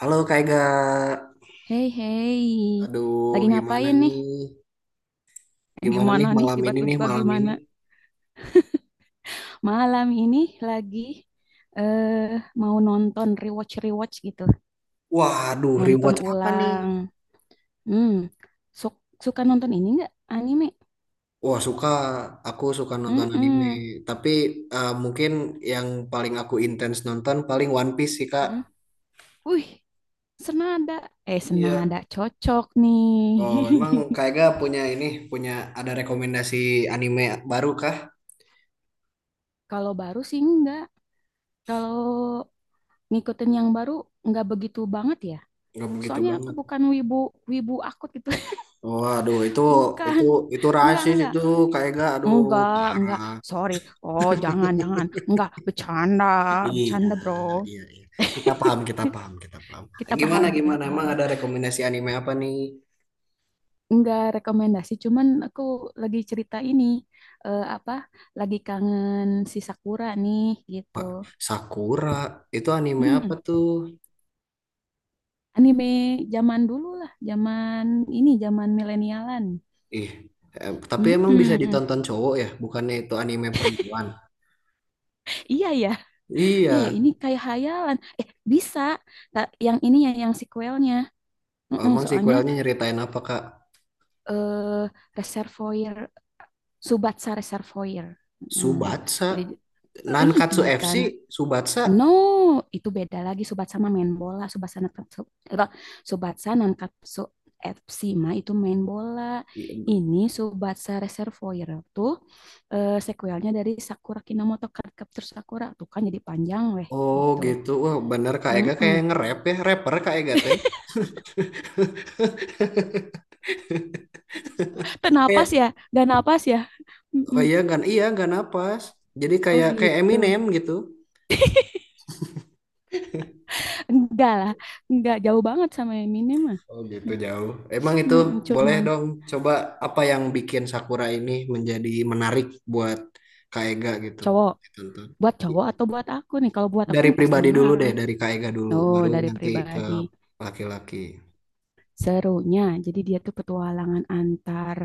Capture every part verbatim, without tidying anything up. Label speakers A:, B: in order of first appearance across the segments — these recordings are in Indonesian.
A: Halo Kak Ega,
B: Hei, hei,
A: aduh
B: lagi
A: gimana
B: ngapain nih?
A: nih?
B: Eh,
A: Gimana
B: Gimana
A: nih
B: nih?
A: malam ini nih
B: Tiba-tiba
A: malam ini?
B: gimana? Malam ini lagi eh mau nonton rewatch-rewatch gitu,
A: Waduh,
B: nonton
A: rewatch apa nih?
B: ulang. Hmm, su- suka nonton ini nggak? Anime?
A: Wah suka, aku suka nonton anime.
B: Mm-mm.
A: Tapi eh, mungkin yang paling aku intens nonton paling One Piece sih Kak.
B: Mm. Wih, senada. Eh,
A: Iya.
B: senada cocok nih.
A: Oh emang Kak Ega punya ini, punya ada rekomendasi anime baru kah?
B: Kalau baru sih enggak. Kalau ngikutin yang baru nggak begitu banget ya.
A: Nggak begitu
B: Soalnya aku
A: banget.
B: bukan wibu wibu akut gitu.
A: Waduh itu
B: Bukan.
A: itu itu
B: Enggak,
A: rasis
B: enggak.
A: itu Kak Ega, aduh
B: Enggak, enggak.
A: parah.
B: Sorry. Oh, jangan, jangan. Enggak, bercanda.
A: Iya,
B: Bercanda, bro.
A: iya, iya. Kita paham, kita paham, kita paham.
B: Kita
A: Gimana,
B: paham, kita
A: gimana? Emang
B: paham.
A: ada rekomendasi anime apa nih?
B: Enggak rekomendasi, cuman aku lagi cerita ini. Eh, apa? Lagi kangen si Sakura nih, gitu.
A: Wah, Sakura, itu anime apa
B: Mm,
A: tuh?
B: Anime zaman dulu lah. Zaman ini, zaman milenialan.
A: Ih, eh, tapi emang bisa
B: Mm-mm.
A: ditonton cowok ya? Bukannya itu anime perempuan?
B: Iya ya, iya ya.
A: Iya,
B: Ini kayak hayalan. Eh, bisa. Ta- Yang ini ya, yang sequelnya. Mm-mm,
A: emang
B: soalnya
A: sequelnya nyeritain apa, Kak?
B: eh, reservoir Subatsa Reservoir. Nah,
A: Subatsa,
B: jadi i
A: Nankatsu
B: I
A: F C,
B: kan,
A: Subatsa.
B: No, itu beda lagi Subatsa sama main bola, Subatsa Nankatsu. eh, Subatsa Nankatsu F C mah itu main bola. Ini Subatsa Reservoir tuh eh, sequelnya dari Sakura Kinomoto Card Captor Sakura tuh kan jadi panjang weh
A: Oh
B: gitu.
A: gitu, wah bener Kak Ega kayak
B: Mm-mm.
A: nge-rap ya, rapper Kak Ega teh.
B: Tenapas
A: Kayak,
B: ya, gak napas ya.
A: oh
B: Mm-mm.
A: iya, gak, iya, gak napas. Jadi
B: Oh
A: kayak kayak
B: gitu.
A: Eminem gitu.
B: Enggak lah, enggak jauh banget sama yang ini mah.
A: Oh gitu jauh. Emang itu
B: Mm,
A: boleh
B: cuman
A: dong coba apa yang bikin Sakura ini menjadi menarik buat Kak Ega gitu.
B: cowok
A: Ditonton.
B: buat cowok atau buat aku nih kalau buat aku
A: Dari
B: pasti
A: pribadi dulu deh,
B: menarik
A: dari Kak Ega dulu,
B: oh
A: baru
B: dari
A: nanti ke
B: pribadi
A: laki-laki.
B: serunya jadi dia tuh petualangan antar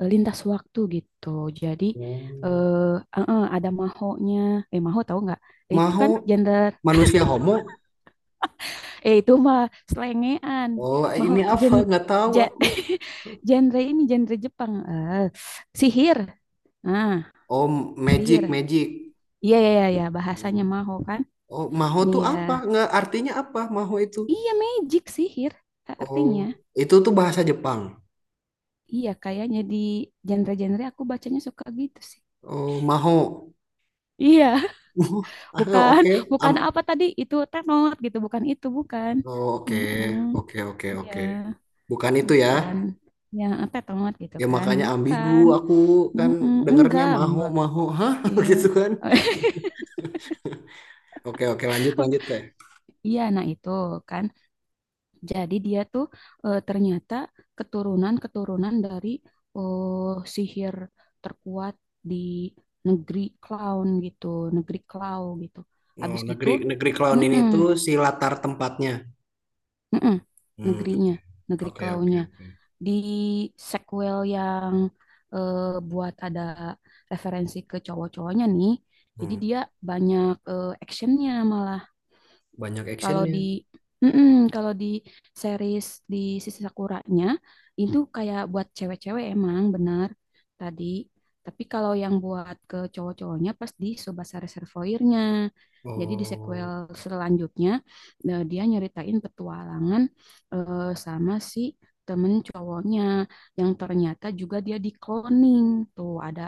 B: eh, lintas waktu gitu jadi
A: Oh.
B: eh eh, eh, ada mahonya eh maho tahu nggak. Eh, itu
A: Mau
B: kan gender
A: manusia homo?
B: eh itu mah selengean
A: Oh
B: maho
A: ini
B: tuh
A: apa?
B: gen
A: Nggak tahu
B: ja-
A: aku.
B: genre ini genre Jepang eh sihir nah
A: Oh magic
B: sihir
A: magic.
B: iya iya iya iya,
A: Oh,
B: bahasanya maho kan
A: oh maho tuh
B: iya.
A: apa? Nggak artinya apa maho itu?
B: Iya magic sihir a-
A: Oh
B: artinya.
A: itu tuh bahasa Jepang.
B: Iya kayaknya di genre-genre aku bacanya suka gitu sih.
A: Oh maho.
B: Iya,
A: Uh, ah,
B: bukan
A: oke.
B: bukan apa
A: Am-
B: tadi itu tenor gitu, bukan itu bukan.
A: oh, oke,
B: Mm-mm.
A: oke, oke,
B: Iya,
A: oke. Bukan itu ya.
B: bukan. Ya tenor gitu
A: Ya
B: kan,
A: makanya ambigu
B: bukan.
A: aku kan
B: Mm-mm,
A: dengernya
B: enggak,
A: maho
B: enggak.
A: maho, hah
B: Iya.
A: gitu kan. Oke, oke, lanjut lanjut teh.
B: Iya, nah itu kan. Jadi dia tuh eh, ternyata keturunan-keturunan dari eh, sihir terkuat di negeri clown gitu, negeri clown gitu.
A: Oh,
B: Habis gitu,
A: negeri negeri clown ini
B: mm-mm,
A: tuh si latar tempatnya.
B: mm-mm,
A: Hmm,
B: negerinya, negeri
A: oke, oke,
B: clownnya
A: oke.
B: di sequel yang eh, buat ada referensi ke cowok-cowoknya nih. Jadi
A: Hmm,
B: dia banyak eh, actionnya malah.
A: banyak
B: Kalau
A: actionnya.
B: di mm-mm, kalau di series di Sisi Sakuranya itu kayak buat cewek-cewek emang benar tadi. Tapi kalau yang buat ke cowok-cowoknya pas di Tsubasa Reservoir-nya. Jadi di sequel
A: Oh,
B: selanjutnya eh, dia nyeritain petualangan eh, sama si temen cowoknya yang ternyata juga dia di cloning. Tuh ada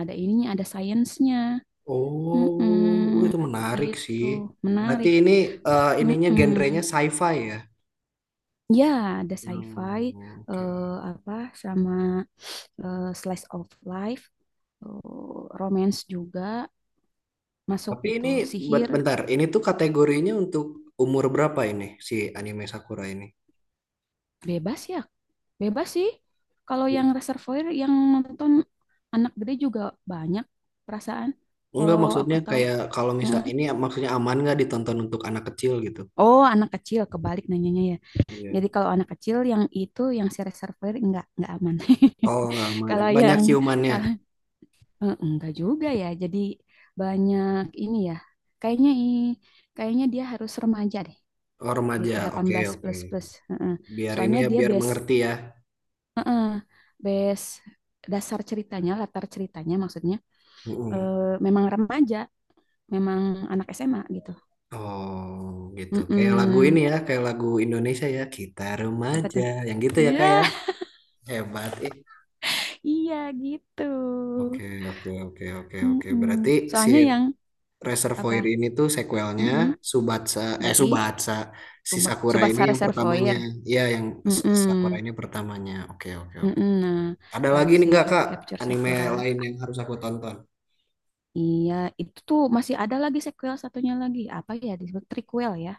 B: ada ininya, ada sainsnya.
A: oh, uh,
B: Mm-mm.
A: itu menarik sih.
B: Gitu,
A: Berarti
B: menarik.
A: ini eh, ininya genrenya
B: Mm-mm.
A: sci-fi ya.
B: Ya, ada sci-fi,
A: Oh, oke.
B: eh, apa sama eh, slice of life, eh, romance juga masuk
A: Tapi
B: itu.
A: ini
B: Sihir
A: ben- bentar, ini tuh kategorinya untuk umur berapa ini si anime Sakura ini?
B: bebas ya, bebas sih. Kalau yang Reservoir yang nonton anak gede juga banyak perasaan.
A: Enggak
B: Kalau aku
A: maksudnya
B: tahu,
A: kayak kalau misal
B: mm-mm.
A: ini maksudnya aman nggak ditonton untuk anak kecil gitu?
B: Oh anak kecil kebalik nanyanya ya. Jadi
A: Iya.
B: kalau anak kecil yang itu yang si Reservoir enggak enggak aman.
A: Oh nggak aman,
B: Kalau
A: banyak
B: yang kalau.
A: ciumannya.
B: Eh, enggak juga ya. Jadi banyak ini ya. Kayaknya i- Kayaknya dia harus remaja deh.
A: Oh
B: Gitu
A: remaja,
B: delapan
A: oke
B: belas
A: oke.
B: plus plus. Heeh.
A: Biar ini
B: Soalnya
A: ya
B: dia
A: biar
B: base
A: mengerti ya.
B: heeh, base dasar ceritanya, latar ceritanya maksudnya
A: Mm-mm.
B: eh, memang remaja, memang anak S M A gitu.
A: Oh gitu. Kayak lagu
B: Mm-mm.
A: ini ya, kayak lagu Indonesia ya. Kita
B: Apa
A: remaja,
B: tuh?
A: yang gitu ya kayak
B: Ya,
A: hebat. Eh,
B: iya gitu.
A: oke oke oke oke oke. Berarti
B: Mm-mm.
A: si
B: Soalnya yang apa?
A: Reservoir ini tuh sequelnya
B: Mm-mm.
A: Subatsa eh
B: Dari
A: Subatsa si
B: Subah
A: Sakura ini
B: Subasa
A: yang pertamanya
B: Reservoir.
A: ya yang S- Sakura
B: Mm-mm.
A: ini pertamanya oke oke oke
B: Mm-mm, nah,
A: ada
B: kalau
A: lagi nih
B: si
A: nggak
B: Cat-
A: Kak
B: Capture
A: anime
B: Sakura,
A: lain yang harus aku tonton
B: iya itu tuh masih ada lagi sequel satunya lagi. Apa ya disebut prequel ya?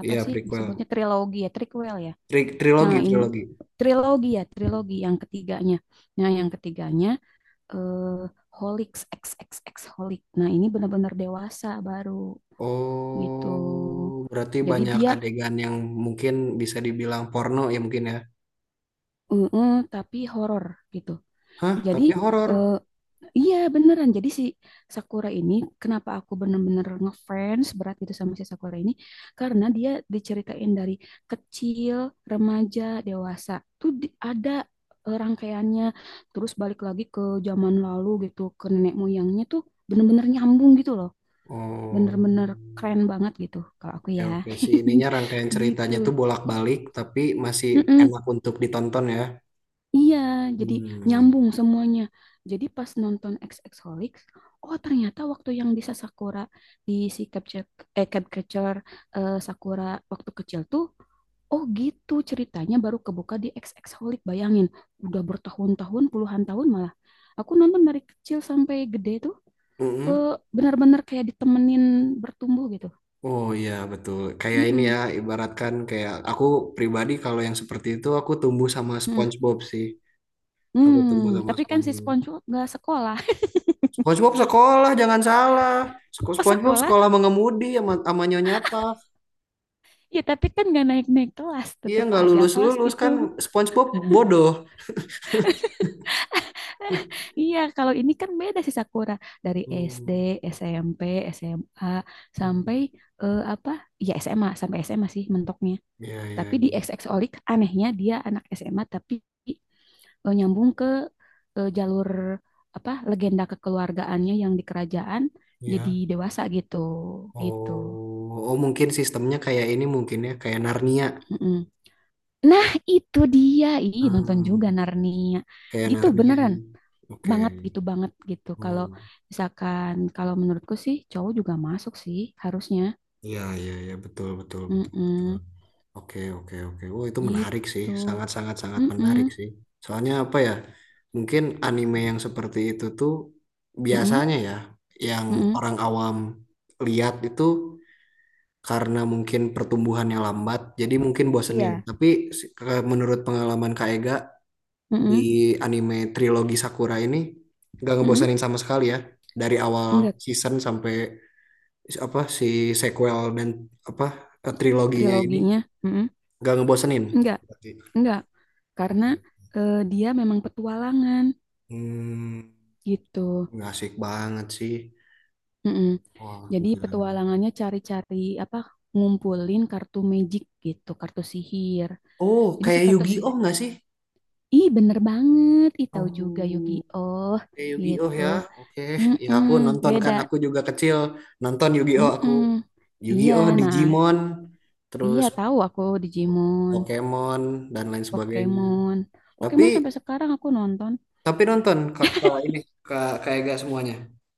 B: Apa
A: iya
B: sih
A: prequel
B: disebutnya trilogi ya, prequel ya.
A: Tri-
B: Nah,
A: trilogi
B: in
A: trilogi.
B: trilogi ya, trilogi
A: Hmm.
B: yang ketiganya. Nah, yang ketiganya eh Holix x x X Holic. Nah, ini benar-benar dewasa baru gitu.
A: Oh berarti
B: Jadi
A: banyak
B: dia
A: adegan yang mungkin bisa dibilang porno ya mungkin ya
B: eh, eh, tapi horor gitu.
A: hah
B: Jadi
A: tapi horor
B: eh, iya beneran. Jadi si Sakura ini kenapa aku bener-bener ngefans berat gitu sama si Sakura ini karena dia diceritain dari kecil, remaja, dewasa. Tuh di- ada eh, rangkaiannya terus balik lagi ke zaman lalu gitu, ke nenek moyangnya tuh bener-bener nyambung gitu loh.
A: oh.
B: Bener-bener keren banget gitu kalau aku
A: Oke,
B: ya.
A: oke sih ininya rangkaian
B: Gitu.
A: ceritanya tuh bolak-balik tapi masih
B: Mm-mm.
A: enak untuk ditonton ya.
B: Iya, jadi
A: Hmm.
B: nyambung semuanya. Jadi pas nonton XXholics, oh ternyata waktu yang di Sakura di si capture eh capture eh, Sakura waktu kecil tuh oh gitu ceritanya baru kebuka di XXholic. Bayangin, udah bertahun-tahun, puluhan tahun malah. Aku nonton dari kecil sampai gede tuh
A: Mm-mm.
B: eh, benar-benar kayak ditemenin bertumbuh gitu.
A: Oh iya betul. Kayak ini ya,
B: Mm-mm.
A: ibaratkan kayak aku pribadi kalau yang seperti itu aku tumbuh sama
B: Mm.
A: SpongeBob sih. Aku tumbuh
B: Hmm,
A: sama
B: tapi kan si
A: SpongeBob.
B: SpongeBob nggak sekolah.
A: SpongeBob sekolah, jangan salah. Sek-
B: Pas
A: SpongeBob
B: sekolah.
A: sekolah mengemudi sama, sama Nyonya Puff.
B: Ya, tapi kan nggak naik-naik kelas,
A: Iya
B: tetap
A: nggak
B: aja
A: lulus
B: kelas
A: lulus
B: itu.
A: kan SpongeBob bodoh.
B: Iya, kalau ini kan beda sih Sakura dari S D,
A: Hmm.
B: S M P, S M A
A: Hmm.
B: sampai eh, apa? Ya SMA sampai S M A sih mentoknya.
A: Iya iya
B: Tapi di
A: iya.
B: X X Olik anehnya dia anak S M A tapi eh, nyambung ke eh, jalur apa? Legenda kekeluargaannya yang di kerajaan jadi
A: Iya.
B: dewasa gitu,
A: Oh,
B: gitu.
A: oh mungkin sistemnya kayak ini mungkin ya kayak Narnia.
B: Mm-mm. Nah, itu dia. Ih, nonton
A: Hmm.
B: juga Narnia.
A: Kayak
B: Gitu
A: Narnia ya.
B: beneran
A: Oke.
B: banget gitu banget gitu. Kalau
A: Hmm.
B: misalkan kalau menurutku sih cowok juga masuk sih harusnya.
A: Iya, iya, iya, betul, betul, betul, betul.
B: Mm-mm,
A: Oke, oke, oke. Oh, itu menarik sih.
B: gitu.
A: Sangat, sangat, sangat
B: Mm-mm,
A: menarik sih. Soalnya apa ya? Mungkin anime yang seperti itu tuh
B: mm-mm,
A: biasanya ya, yang
B: mm-mm,
A: orang awam lihat itu karena mungkin pertumbuhannya lambat, jadi mungkin bosenin.
B: iya.
A: Tapi si- ke- menurut pengalaman Kak Ega di
B: mm-mm,
A: anime trilogi Sakura ini nggak
B: mm-mm.
A: ngebosenin sama sekali ya. Dari awal
B: Enggak
A: season sampai si- apa si sequel dan apa eh, triloginya ini
B: triloginya. Mm-mm.
A: gak ngebosenin.
B: Enggak,
A: Berarti.
B: enggak. Karena
A: Oke.
B: eh, dia memang petualangan
A: Hmm,
B: gitu.
A: nggak asik banget sih.
B: Mm-mm.
A: Wah,
B: Jadi
A: gila. Memang.
B: petualangannya cari-cari apa ngumpulin kartu magic gitu, kartu sihir.
A: Oh,
B: Jadi si
A: kayak
B: kartu si.
A: Yu-Gi-Oh nggak sih?
B: Ih, bener banget. Ih, tahu juga
A: Oh,
B: Yu-Gi-Oh
A: kayak Yu-Gi-Oh
B: gitu.
A: ya. Oke, ya
B: Mm-mm,
A: aku nonton
B: beda.
A: kan. Aku juga kecil nonton Yu-Gi-Oh. Aku
B: Mm-mm. Iya,
A: Yu-Gi-Oh,
B: nah,
A: Digimon,
B: iya
A: terus
B: tahu aku Digimon,
A: Pokemon dan lain sebagainya.
B: Pokemon.
A: Tapi
B: Pokemon sampai sekarang aku nonton
A: tapi nonton kak ini kak kayak gak semuanya.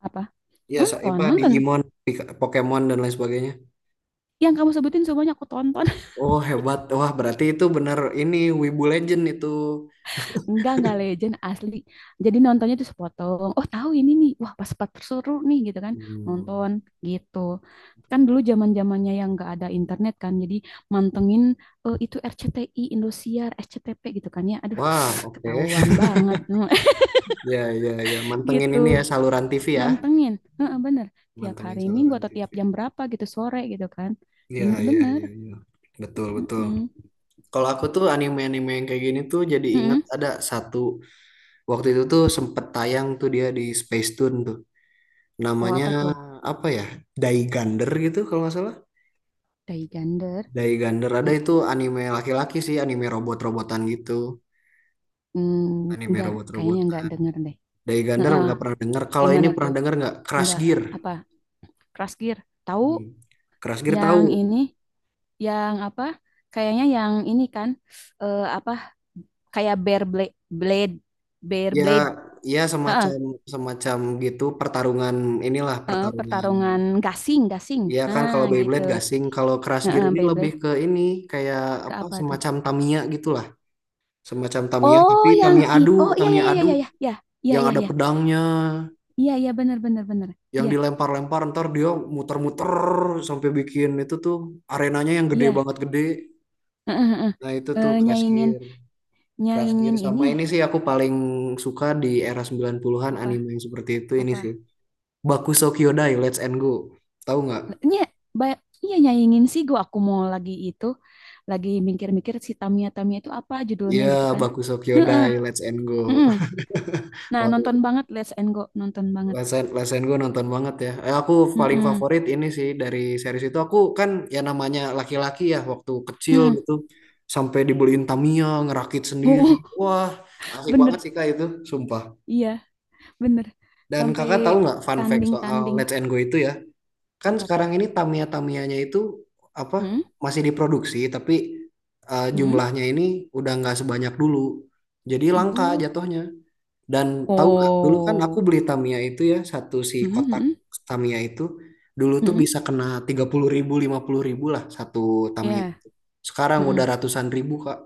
B: apa?
A: Iya,
B: Nonton,
A: Saipah,
B: nonton.
A: Digimon, Pika- Pokemon dan lain sebagainya.
B: Yang kamu sebutin semuanya aku tonton.
A: Oh, hebat. Wah, berarti itu bener ini Wibu Legend itu.
B: Enggak, enggak legend asli. Jadi nontonnya tuh sepotong. Oh, tahu ini nih. Wah, pas pas seru nih gitu kan.
A: Hmm.
B: Nonton gitu. Kan dulu zaman-zamannya yang enggak ada internet kan. Jadi mantengin eh, itu R C T I, Indosiar, S C T V gitu kan ya. Aduh,
A: Wah, oke.
B: ketahuan banget
A: Ya, ya, ya. Mantengin ini
B: gitu.
A: ya saluran T V ya.
B: Mantengin. Heeh, bener. Tiap
A: Mantengin
B: hari Minggu
A: saluran
B: atau
A: T V.
B: tiap jam berapa gitu sore gitu kan.
A: Iya, iya,
B: Bener-bener.
A: iya, iya. Betul, betul.
B: Mm-mm.
A: Kalau aku tuh anime-anime yang kayak gini tuh jadi inget
B: Mm-mm.
A: ada satu waktu itu tuh sempet tayang tuh dia di Space Tune tuh.
B: Oh,
A: Namanya
B: apa tuh?
A: apa ya? Daigander gitu kalau nggak salah.
B: Day Gender.
A: Daigander ada
B: Mm,
A: itu anime laki-laki sih, anime robot-robotan gitu.
B: mm,
A: Anime
B: enggak, kayaknya enggak
A: robot-robotan.
B: denger deh.
A: Daigander
B: Heeh.
A: nggak pernah dengar. Kalau ini
B: Gimana
A: pernah
B: tuh?
A: dengar nggak? Crash
B: Enggak
A: Gear.
B: apa? Crush Gear. Tahu
A: Hmm. Crash Gear
B: yang
A: tahu?
B: ini yang apa? Kayaknya yang ini kan eh, apa kayak Bear Blade Blade Bear
A: Ya,
B: Blade.
A: ya
B: Heeh,
A: semacam semacam gitu pertarungan inilah
B: heeh,
A: pertarungan.
B: pertarungan gasing gasing.
A: Ya kan
B: Nah,
A: kalau
B: gitu.
A: Beyblade gasing, kalau Crash Gear
B: Heeh,
A: ini lebih
B: Beyblade
A: ke ini kayak
B: ke
A: apa
B: apa tuh?
A: semacam Tamiya gitulah. Semacam Tamiya tapi
B: Oh, yang
A: Tamiya
B: it.
A: adu,
B: Oh, iya iya
A: Tamiya
B: iya
A: adu
B: iya iya iya. Iya
A: yang
B: iya
A: ada
B: iya.
A: pedangnya,
B: Iya iya benar benar benar.
A: yang
B: Iya,
A: dilempar-lempar ntar dia muter-muter sampai bikin itu tuh arenanya yang gede
B: iya.
A: banget gede.
B: Heeh, heeh.
A: Nah, itu tuh
B: Eh,
A: Crash
B: nyaingin
A: Gear. Crash Gear
B: nyaingin ini
A: sama ini sih aku paling suka di era sembilan puluhan-an
B: apa?
A: anime yang seperti itu ini sih.
B: Apa.
A: Bakuso Kyodai Let's and Go. Tahu nggak?
B: Nya, ba- iya nyanyiin sih gua aku mau lagi itu lagi mikir-mikir si Tamiya Tamiya itu apa judulnya
A: Iya,
B: gitu kan.
A: Bakuso
B: Heeh,
A: Kyodai Let's and Go.
B: heeh. Nah,
A: Wah,
B: nonton banget Let's and Go, nonton banget.
A: lesen, lesen gue nonton banget ya. Eh, aku paling
B: Heeh.
A: favorit ini sih dari series itu. Aku kan ya namanya laki-laki ya waktu kecil
B: Heeh.
A: gitu. Sampai dibeliin Tamiya, ngerakit sendiri.
B: Oh,
A: Wah, asik banget
B: bener.
A: sih Kak itu, sumpah.
B: Iya, bener.
A: Dan
B: Sampai
A: kakak tahu nggak fun fact soal
B: tanding-tanding
A: Let's and Go itu ya? Kan
B: apa tuh?
A: sekarang ini Tamiya-Tamiyanya itu apa
B: Heeh.
A: masih diproduksi tapi eh,
B: Heeh.
A: jumlahnya ini udah nggak sebanyak dulu jadi langka
B: Oh.
A: jatuhnya dan tahu nggak dulu kan aku
B: Oh.
A: beli Tamiya itu ya satu si
B: Heeh,
A: kotak
B: heeh.
A: Tamiya itu dulu tuh
B: Heeh.
A: bisa kena tiga puluh ribu lima puluh ribu lah satu Tamiya
B: Iya,
A: itu sekarang
B: heeh.
A: udah ratusan ribu Kak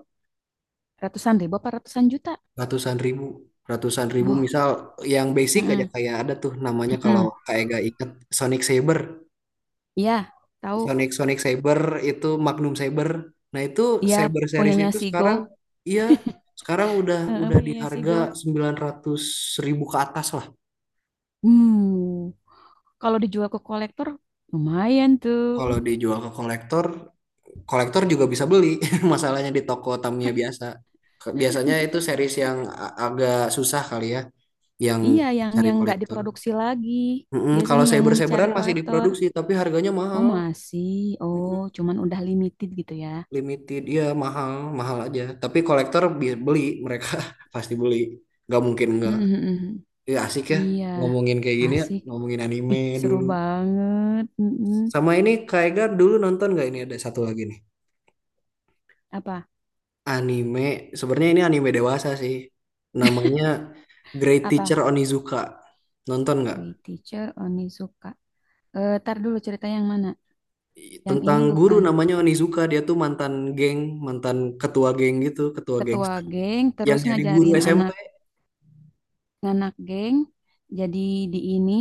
B: Ratusan ribu apa ratusan juta?
A: ratusan ribu ratusan ribu
B: Wah.
A: misal yang basic aja
B: Heeh.
A: kayak ada tuh namanya kalau
B: Heeh.
A: Kak Ega ingat Sonic Saber
B: Iya, tahu.
A: Sonic Sonic Saber itu Magnum Saber. Nah, itu
B: Iya,
A: Saber series
B: punyanya
A: itu
B: si
A: sekarang
B: Go.
A: iya sekarang udah
B: Heeh,
A: udah di
B: punyanya
A: harga
B: Sigo.
A: sembilan ratus ribu ke atas lah.
B: Hmm, kalau dijual ke kolektor, lumayan tuh.
A: Kalau dijual ke kolektor, kolektor juga bisa beli. Masalahnya di toko Tamiya biasa. Ke- Biasanya itu series yang a- agak susah kali ya yang
B: Iya, yang
A: cari
B: yang nggak
A: kolektor.
B: diproduksi lagi.
A: Mm-mm, kalau
B: Biasanya yang
A: Saber
B: dicari
A: Saberan masih
B: kolektor.
A: diproduksi tapi harganya
B: Oh,
A: mahal.
B: masih. Oh, cuman udah limited gitu ya.
A: Limited ya mahal mahal aja tapi kolektor bi- beli mereka pasti beli nggak mungkin nggak
B: Hmm, hmm, hmm.
A: ya asik ya
B: Iya,
A: ngomongin kayak gini ya
B: asik.
A: ngomongin anime
B: Ih, seru
A: dulu
B: banget. Mm-mm.
A: sama ini Kak Ega dulu nonton nggak ini ada satu lagi nih
B: Apa?
A: anime sebenarnya ini anime dewasa sih namanya Great Teacher
B: Apa?
A: Onizuka nonton nggak
B: Ray Teacher Onizuka. Eh, tar dulu cerita yang mana? Yang
A: tentang
B: ini
A: guru
B: bukan.
A: namanya Onizuka dia tuh mantan geng mantan ketua geng gitu ketua
B: Ketua
A: gangster
B: geng
A: yang
B: terus
A: jadi guru
B: ngajarin
A: S M P
B: anak nganak geng jadi di ini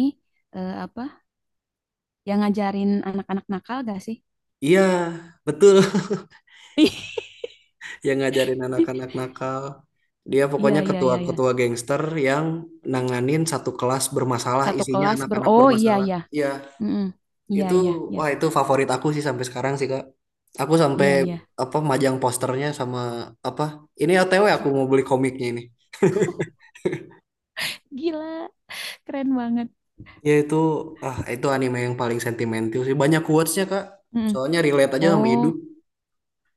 B: eh, apa yang ngajarin anak-anak nakal gak sih?
A: iya betul yang ngajarin anak-anak nakal. Dia
B: Iya
A: pokoknya
B: iya iya iya.
A: ketua-ketua gangster yang nanganin satu kelas bermasalah,
B: Satu
A: isinya
B: kelas ber.
A: anak-anak
B: Oh iya
A: bermasalah.
B: iya.
A: Iya,
B: Mm-mm. Iya
A: itu
B: iya iya.
A: wah itu favorit aku sih sampai sekarang sih, Kak. Aku sampai
B: Iya iya.
A: apa majang posternya sama apa? Ini O T W aku mau beli komiknya ini.
B: Gila, keren banget.
A: Ya itu ah itu anime yang paling sentimental sih. Banyak quotes-nya, Kak.
B: Mm.
A: Soalnya relate aja sama hidup.
B: Oh,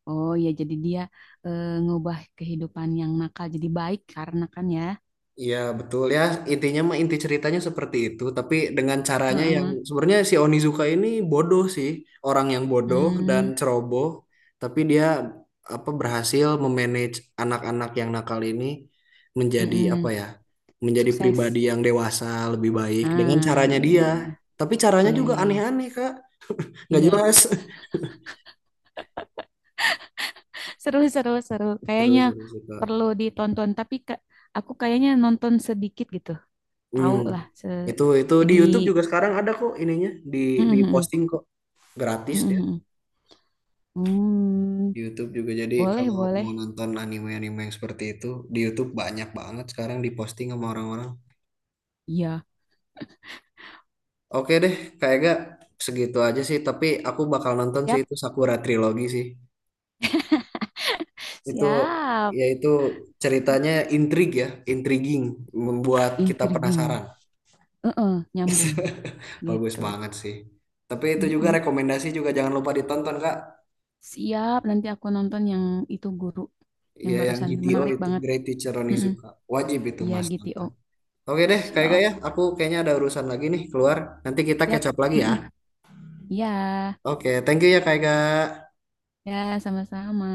B: oh iya jadi dia eh, ngubah kehidupan yang nakal jadi baik karena kan ya.
A: Iya betul ya intinya mah inti ceritanya seperti itu tapi dengan caranya yang
B: Heeh.
A: sebenarnya si Onizuka ini bodoh sih orang yang bodoh dan
B: Mm.
A: ceroboh tapi dia apa berhasil memanage anak-anak yang nakal ini menjadi apa
B: Mm-mm.
A: ya menjadi pribadi
B: Sukses.
A: yang dewasa lebih baik dengan
B: Ah,
A: caranya
B: iya.
A: dia tapi caranya
B: Iya
A: juga
B: iya iya.
A: aneh-aneh Kak nggak
B: Iya.
A: jelas
B: Seru, seru, seru. Kayaknya
A: terus terus Kak
B: perlu ditonton, tapi ke, aku kayaknya nonton sedikit gitu. Tahu
A: hmm.
B: lah. Se,
A: itu itu di
B: jadi,
A: YouTube juga sekarang ada kok ininya di
B: mhm,
A: di
B: mhm.
A: posting kok gratis.
B: Mhm, mhm. Hmm,
A: Di YouTube juga jadi
B: boleh,
A: kalau
B: boleh.
A: mau nonton anime-anime yang seperti itu di YouTube banyak banget sekarang diposting sama orang-orang.
B: Iya,
A: Oke deh, Kak Ega segitu aja sih. Tapi aku bakal nonton sih
B: siap,
A: itu Sakura Trilogy sih. Itu
B: siap.
A: yaitu ceritanya intrig ya, intriguing, membuat kita
B: Intriguing.
A: penasaran.
B: Heeh, nyambung
A: Bagus
B: gitu.
A: banget sih. Tapi itu juga
B: Mhm.
A: rekomendasi juga jangan lupa ditonton Kak.
B: Siap, nanti aku nonton yang itu guru yang
A: Ya yang
B: barusan.
A: G T O
B: Menarik
A: itu
B: banget.
A: Great Teacher
B: Mhm.
A: Onizuka. Wajib itu
B: Iya,
A: Mas
B: G T O.
A: nonton. Oke deh, Kak Ega
B: Siap,
A: ya. Aku kayaknya ada urusan lagi nih keluar. Nanti kita
B: siap.
A: catch up lagi ya.
B: Mhm. Iya,
A: Oke, thank you ya Kak Ega.
B: ya, sama-sama.